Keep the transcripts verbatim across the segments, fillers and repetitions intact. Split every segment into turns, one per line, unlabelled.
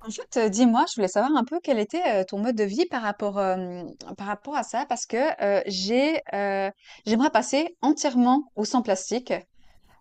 En fait, heu, dis-moi, je voulais savoir un peu quel était, heu, ton mode de vie par rapport, hem, par rapport à ça parce que, heu, j'ai, heu, j'aimerais passer entièrement au sans plastique.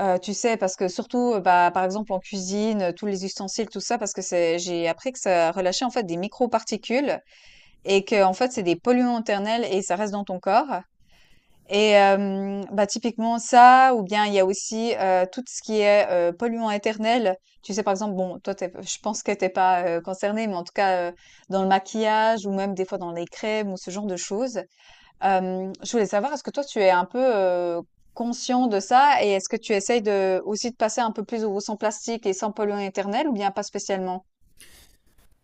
Heu, tu sais? Parce que surtout, heu, bah, par exemple en cuisine, heu, tous les ustensiles, tout ça, parce que c'est j'ai appris que ça relâchait en fait des microparticules et que en fait, c'est des polluants éternels et ça reste dans ton corps. Et hem, bah, typiquement ça, ou bien il y a aussi, heu, tout ce qui est, heu, polluant éternel. Tu sais, par exemple, bon, toi, tu je pense que tu pas, heu, concernée, mais en tout cas, heu, dans le maquillage ou même des fois dans les crèmes ou ce genre de choses. Hem, je voulais savoir, est-ce que toi, tu es un peu, heu, conscient de ça, et est-ce que tu essayes de aussi de passer un peu plus au sans plastique et sans polluant éternel, ou bien pas spécialement?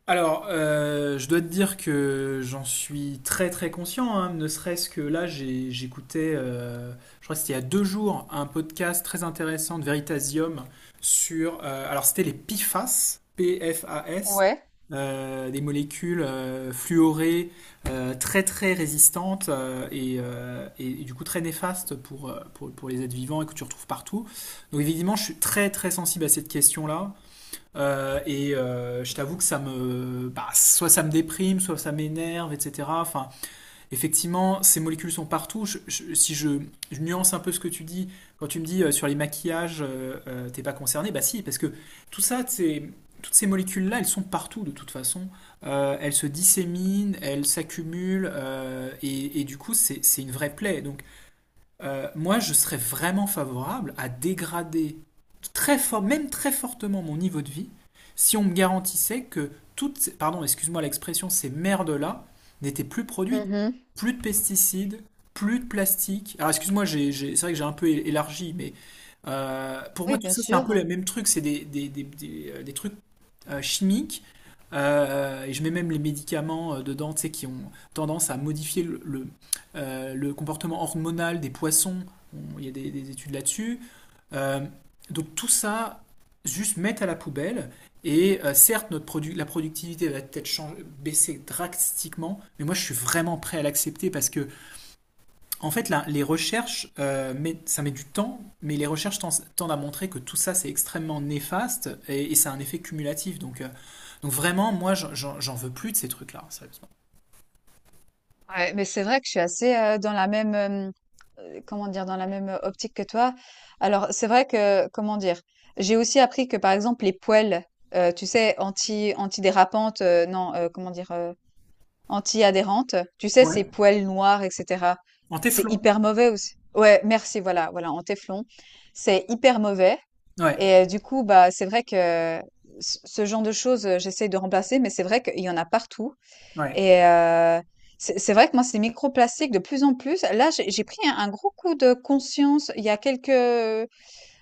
Alors, euh, je dois te dire que j'en suis très très conscient, hein, ne serait-ce que là, j'ai- j'écoutais, euh, je crois que c'était il y a deux jours, un podcast très intéressant de Veritasium sur, euh, alors c'était les P F A S, P-F-A-S,
Ouais.
euh, des molécules euh, fluorées euh, très très résistantes euh, et, euh, et- et du coup très néfastes pour, euh, pour, pour les êtres vivants et que tu retrouves partout. Donc évidemment, je suis très très sensible à cette question-là. Euh, et euh, je t'avoue que ça me, bah, soit ça me déprime, soit ça m'énerve, et cetera. Enfin, effectivement, ces molécules sont partout. Je- je- si je, je nuance un peu ce que tu dis, quand tu me dis euh, sur les maquillages, euh, euh, t'es pas concerné, bah si, parce que tout ça, c'est- toutes ces molécules-là, elles sont partout de toute façon. Euh, elles se disséminent, elles s'accumulent, euh, et, et du coup, c'est c'est une vraie plaie. Donc, euh, moi, je serais vraiment favorable à dégrader très fort, même très fortement mon niveau de vie, si on me garantissait que toutes, ces- pardon, excuse-moi l'expression, ces merdes-là n'étaient plus produites.
Mmh.
Plus de pesticides, plus de plastique. Alors, excuse-moi, j'ai- j'ai- c'est vrai que j'ai un peu é- élargi, mais euh, pour moi,
Oui,
tout
bien
ça, c'est un peu
sûr.
le même truc. C'est des, des, des- des, euh, des trucs euh, chimiques. Euh, et je mets même les médicaments euh, dedans, tu sais, qui ont tendance à modifier le, le, euh, le comportement hormonal des poissons. Bon, il y a des, des études là-dessus. Euh, donc tout ça, juste mettre à la poubelle. Et euh, certes, notre produ- la productivité va peut-être changer- baisser drastiquement, mais moi je suis vraiment prêt à l'accepter parce que en fait, là, les recherches, euh, met- ça met du temps, mais les recherches tens- tendent à montrer que tout ça, c'est extrêmement néfaste et, et ça a un effet cumulatif. Donc, euh, donc vraiment, moi, j'en j'en- j'en veux plus de ces trucs-là, sérieusement.
Ouais, mais c'est vrai que je suis assez, euh, dans la même, euh, euh, comment dire, dans la même euh, optique que toi. Alors, c'est vrai que, comment dire, j'ai aussi appris que, par exemple, les poêles, euh, tu sais, anti, antidérapantes, euh, non, euh, comment dire, euh, anti-adhérentes, tu sais,
Ouais.
ces poêles noires, et cetera.
En
C'est
téflon.
hyper mauvais aussi. Ouais, merci, voilà, voilà, en téflon. C'est hyper mauvais.
Ouais,
Et euh, du coup, bah, c'est vrai que ce ce genre de choses, euh, j'essaye de remplacer, mais c'est vrai qu'il y en a partout.
ouais.
Et heu, c'est c'est vrai que moi, ces microplastiques de plus en plus là, j'ai j'ai pris un un gros coup de conscience il y a quelques,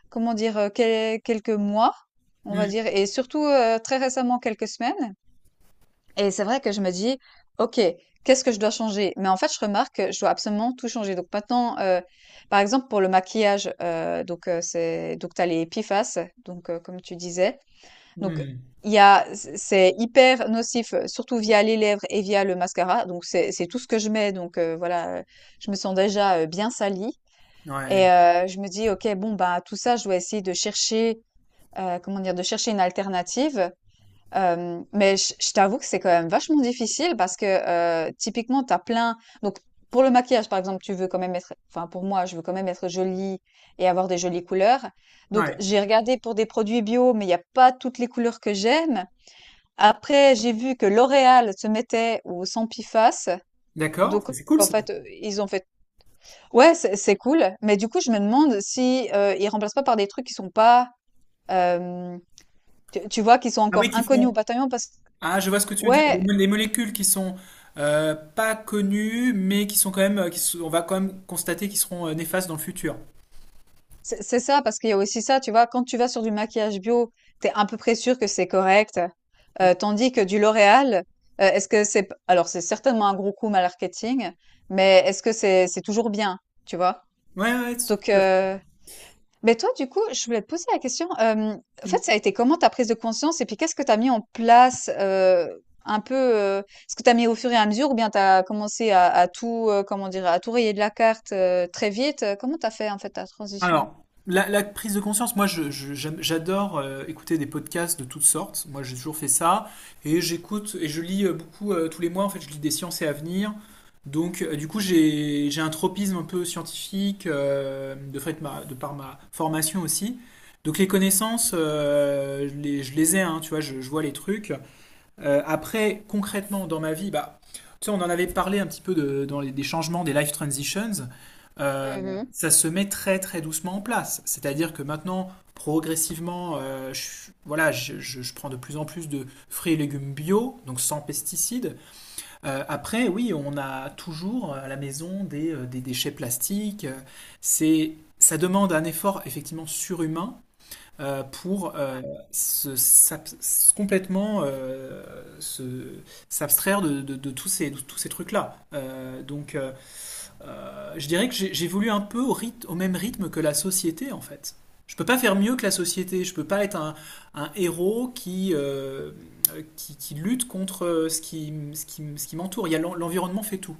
comment dire? Heu, quel quelques mois, on va
Hmm,
dire, et surtout, heu, très récemment, quelques semaines. Et c'est vrai que je me dis: «OK, qu'est-ce que je dois changer?» Mais en fait, je remarque que je dois absolument tout changer. Donc maintenant, heu, par exemple, pour le maquillage, heu, donc heu, c'est, donc tu as les Epiphases, donc heu, comme tu disais, donc
hmm.
il y a c'est hyper nocif, euh, surtout via les lèvres et via le mascara. Donc, c'est c'est tout ce que je mets. Donc, heu, voilà, heu, je me sens déjà, heu, bien salie,
Ouais,
et heu, je me dis: «OK, bon, bah, tout ça, je dois essayer de chercher, heu, comment dire? De chercher une alternative». Hem, mais je je t'avoue que c'est quand même vachement difficile parce que, heu, typiquement, t'as plein, donc pour le maquillage, par exemple, tu veux quand même être enfin, pour moi, je veux quand même être jolie et avoir des jolies couleurs. Donc,
ouais.
j'ai regardé pour des produits bio, mais il y a pas toutes les couleurs que j'aime. Après, j'ai vu que L'Oréal se mettait au Sampiface.
D'accord,
Donc,
c'est c'est cool
en
ça.
fait, heu, ils ont fait, ouais, c'est c'est cool, mais du coup, je me demande si, heu, ils remplacent pas par des trucs qui sont pas, hem, tu tu vois, qui sont
Ah
encore
oui, qui
inconnus au
font.
bataillon parce que,
Ah, je vois ce que tu veux dire. Des
ouais,
mo- des molécules qui sont euh, pas connues, mais qui sont quand même, euh, qui sont- on va quand même constater qu'ils seront euh, néfastes dans le futur.
c'est c'est ça, parce qu'il y a aussi ça, tu vois? Quand tu vas sur du maquillage bio, t'es es à peu près sûr que c'est correct,
Hmm.
heu, tandis que du L'Oréal, heu, est-ce que c'est p alors c'est certainement un gros coup marketing, mais est-ce que c'est c'est toujours bien, tu vois?
Ouais, ouais, tout
Donc,
à fait.
heu Mais toi, du coup, je voulais te poser la question. Euh, en
Hum.
fait, ça a été comment ta prise de conscience, et puis qu'est-ce que tu as mis en place, euh, un peu, euh, ce que tu as mis au fur et à mesure, ou bien tu as commencé à, à tout, euh, comment dire, à tout rayer de la carte, euh, très vite. euh, Comment tu as fait en fait ta transition?
Alors, la, la prise de conscience, moi je- je- j'aime- j'adore euh, écouter des podcasts de toutes sortes. Moi j'ai toujours fait ça. Et j'écoute et je lis euh, beaucoup euh, tous les mois. En fait, je lis des sciences et avenir. Donc, euh, du coup, j'ai j'ai un tropisme un peu scientifique euh, de fait ma, de par ma formation aussi. Donc, les connaissances, euh, je les, je les ai, hein, tu vois, je, je vois les trucs. Euh, après, concrètement, dans ma vie, bah, tu sais, on en avait parlé un petit peu de- dans les, des changements, des life transitions. Euh,
Mhm.
ça se met très très doucement en place. C'est-à-dire que maintenant, progressivement, euh, je, voilà, je, je- je prends de plus en plus de fruits et légumes bio, donc sans pesticides. Euh, après, oui, on a toujours à la maison des, euh, des déchets plastiques. Euh, C'est, ça demande un effort effectivement surhumain, euh, pour euh, se, s'ab- s- complètement euh, se, s'abstraire de, de- de tous ces, de tous ces trucs-là. Euh, donc, euh, je dirais que j'ai- j'évolue un peu au rythme, au même rythme que la société, en fait. Je peux pas faire mieux que la société. Je peux pas être un, un héros qui, euh, qui, qui lutte contre euh, ce qui, ce qui, ce qui m'entoure. Il y a l'en- l'environnement fait tout.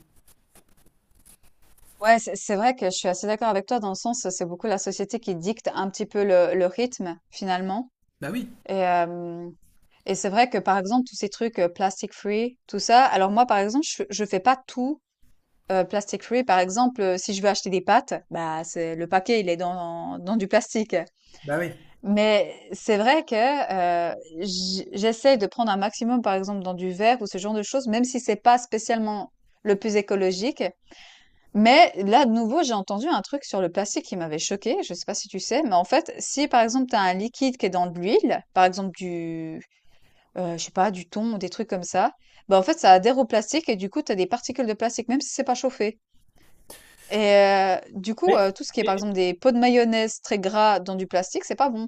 Ouais, c'est c'est vrai que je suis assez d'accord avec toi dans le sens, c'est beaucoup la société qui dicte un petit peu le, le rythme finalement.
Bah oui.
Et, hem et c'est vrai que, par exemple, tous ces trucs, heu, plastic free, tout ça. Alors moi, par exemple, je je fais pas tout, heu, plastic free. Par exemple, heu, si je veux acheter des pâtes, bah, c'est le paquet, il est dans dans du plastique.
Bah oui.
Mais c'est vrai que, heu, j j'essaie de prendre un maximum, par exemple, dans du verre ou ce genre de choses, même si c'est pas spécialement le plus écologique. Mais là, de nouveau, j'ai entendu un truc sur le plastique qui m'avait choquée, je sais pas si tu sais, mais en fait, si, par exemple, tu as un liquide qui est dans de l'huile, par exemple du Heu, je sais pas, du thon ou des trucs comme ça. Bah, en fait, ça adhère au plastique et du coup, tu as des particules de plastique, même si c'est pas chauffé. Et heu, du coup,
Mais,
heu, tout ce qui est, par
et-
exemple, des pots de mayonnaise très gras dans du plastique, c'est pas bon.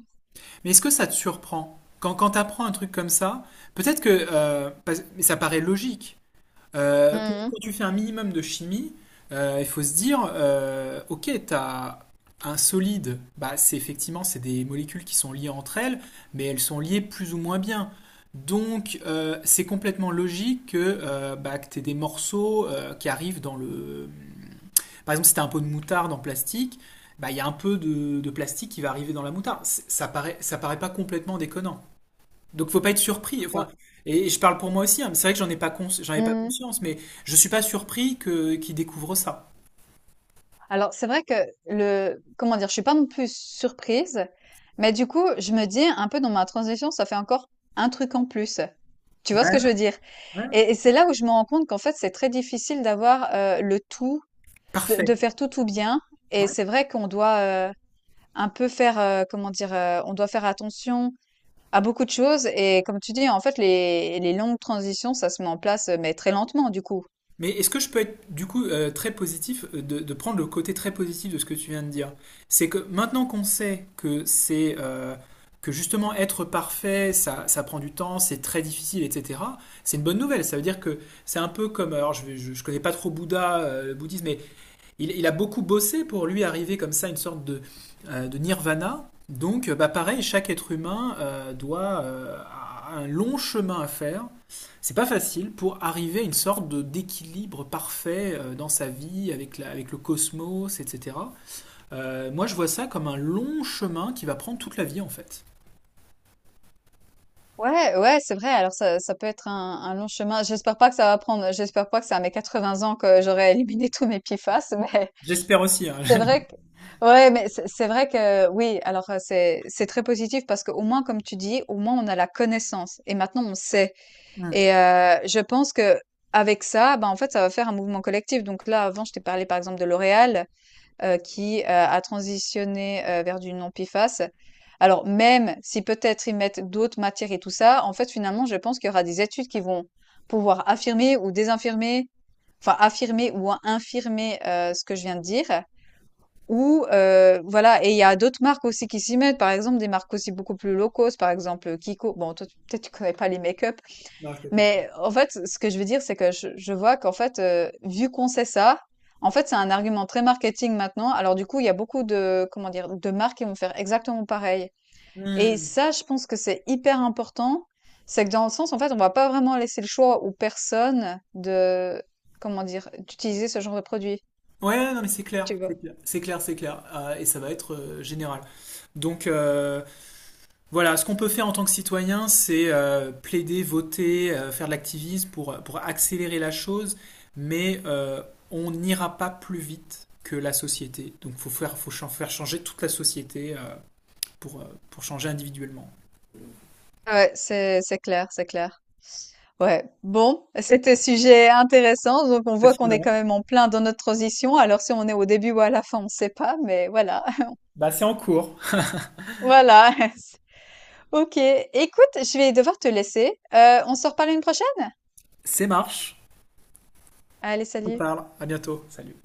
mais est-ce que ça te surprend? Quand, quand tu apprends un truc comme ça, peut-être que euh, parce- mais ça paraît logique. Euh, quand
Mmh mh.
quand tu fais un minimum de chimie, euh, il faut se dire, euh, ok, tu as un solide, bah, c'est effectivement c'est des molécules qui sont liées entre elles, mais elles sont liées plus ou moins bien. Donc euh, c'est complètement logique que, euh, bah, que tu aies des morceaux euh, qui arrivent dans le... Par exemple, si tu as un pot de moutarde en plastique, bah, il y a un peu de, de plastique qui va arriver dans la moutarde. C'est- Ça paraît, ça paraît pas complètement déconnant. Donc faut pas être surpris.
Ouais.
Enfin, et je parle pour moi aussi, hein, mais c'est vrai que j'en ai pas cons- j'en ai pas
Mmh.
conscience, mais je suis pas surpris que qu'ils découvrent ça.
Alors, c'est vrai que le comment dire? Je suis pas non plus surprise, mais du coup, je me dis un peu dans ma transition, ça fait encore un truc en plus. Tu
Ouais,
vois ce que je veux
ouais,
dire?
ouais.
Et et c'est là où je me rends compte qu'en fait, c'est très difficile d'avoir, heu, le tout, de
Parfait.
de faire tout, tout bien, et
Ouais.
c'est vrai qu'on doit, euh, un peu faire, heu, comment dire? Heu, on doit faire attention à beaucoup de choses, et comme tu dis, en fait, les les longues transitions, ça se met en place, heu, mais très lentement, du coup.
Mais est-ce que je peux être du coup euh, très positif, euh, de, de prendre le côté très positif de ce que tu viens de dire? C'est que maintenant qu'on sait que c'est euh, que justement être parfait, ça, ça prend du temps, c'est très difficile, et cetera. C'est une bonne nouvelle. Ça veut dire que c'est un peu comme, alors je, vais- je, je connais pas trop Bouddha, euh, le bouddhisme, mais il, il a beaucoup bossé pour lui arriver comme ça à une sorte de, euh, de nirvana. Donc, euh, bah, pareil, chaque être humain euh, doit euh, a un long chemin à faire. C'est pas facile pour arriver à une sorte de d'équilibre parfait euh, dans sa vie avec la, avec le cosmos, et cetera. Euh, moi, je vois ça comme un long chemin qui va prendre toute la vie en fait.
Ouais, ouais, c'est vrai. Alors ça ça peut être un un long chemin. J'espère pas que ça va prendre j'espère pas que c'est à mes quatre-vingts ans que j'aurai éliminé tous mes P F A S, mais
J'espère aussi, hein.
c'est vrai que, ouais, mais c'est c'est vrai que, oui, alors euh, c'est c'est très positif parce qu'au moins, comme tu dis, au moins on a la connaissance et maintenant on sait.
Mm.
Et euh, je pense que avec ça, ben en fait, ça va faire un mouvement collectif. Donc là, avant, je t'ai parlé par exemple de L'Oréal, euh, qui euh, a transitionné euh, vers du non-P F A S. Alors même si peut-être ils mettent d'autres matières et tout ça, en fait, finalement, je pense qu'il y aura des études qui vont pouvoir affirmer ou désinfirmer, enfin affirmer ou infirmer euh, ce que je viens de dire. Ou heu, voilà, et il y a d'autres marques aussi qui s'y mettent, par exemple des marques aussi beaucoup plus low cost, par exemple, euh, Kiko. Bon toi, tu peut-être tu connais pas les make-up, mais en fait, ce que je veux dire, c'est que je je vois qu'en fait, heu, vu qu'on sait ça, en fait, c'est un argument très marketing maintenant. Alors du coup, il y a beaucoup de, comment dire, de marques qui vont faire exactement pareil, et
Mm.
ça, je pense que c'est hyper important. C'est que dans le sens, en fait, on va pas vraiment laisser le choix aux personnes de, comment dire, d'utiliser ce genre de produit,
Ouais, non mais c'est clair,
tu
c'est
vois?
clair, c'est clair, c'est clair. Euh, et ça va être euh, général. Donc, euh, Voilà, ce qu'on peut faire en tant que citoyen, c'est euh, plaider, voter, euh, faire de l'activisme pour, pour accélérer la chose, mais euh, on n'ira pas plus vite que la société. Donc il faut faire, faut ch- faire changer toute la société euh, pour, euh, pour changer individuellement.
Ouais, c'est c'est clair, c'est clair. Ouais, bon, c'était un sujet intéressant. Donc, on
Bah,
voit qu'on est
sinon,
quand même en plein dans notre transition. Alors, si on est au début ou à la fin, on ne sait pas, mais voilà.
bah, c'est en cours.
Voilà. Ok, écoute, je vais devoir te laisser. Euh, on se reparle une prochaine?
C'est marche.
Allez,
On
salut.
parle. À bientôt. Salut.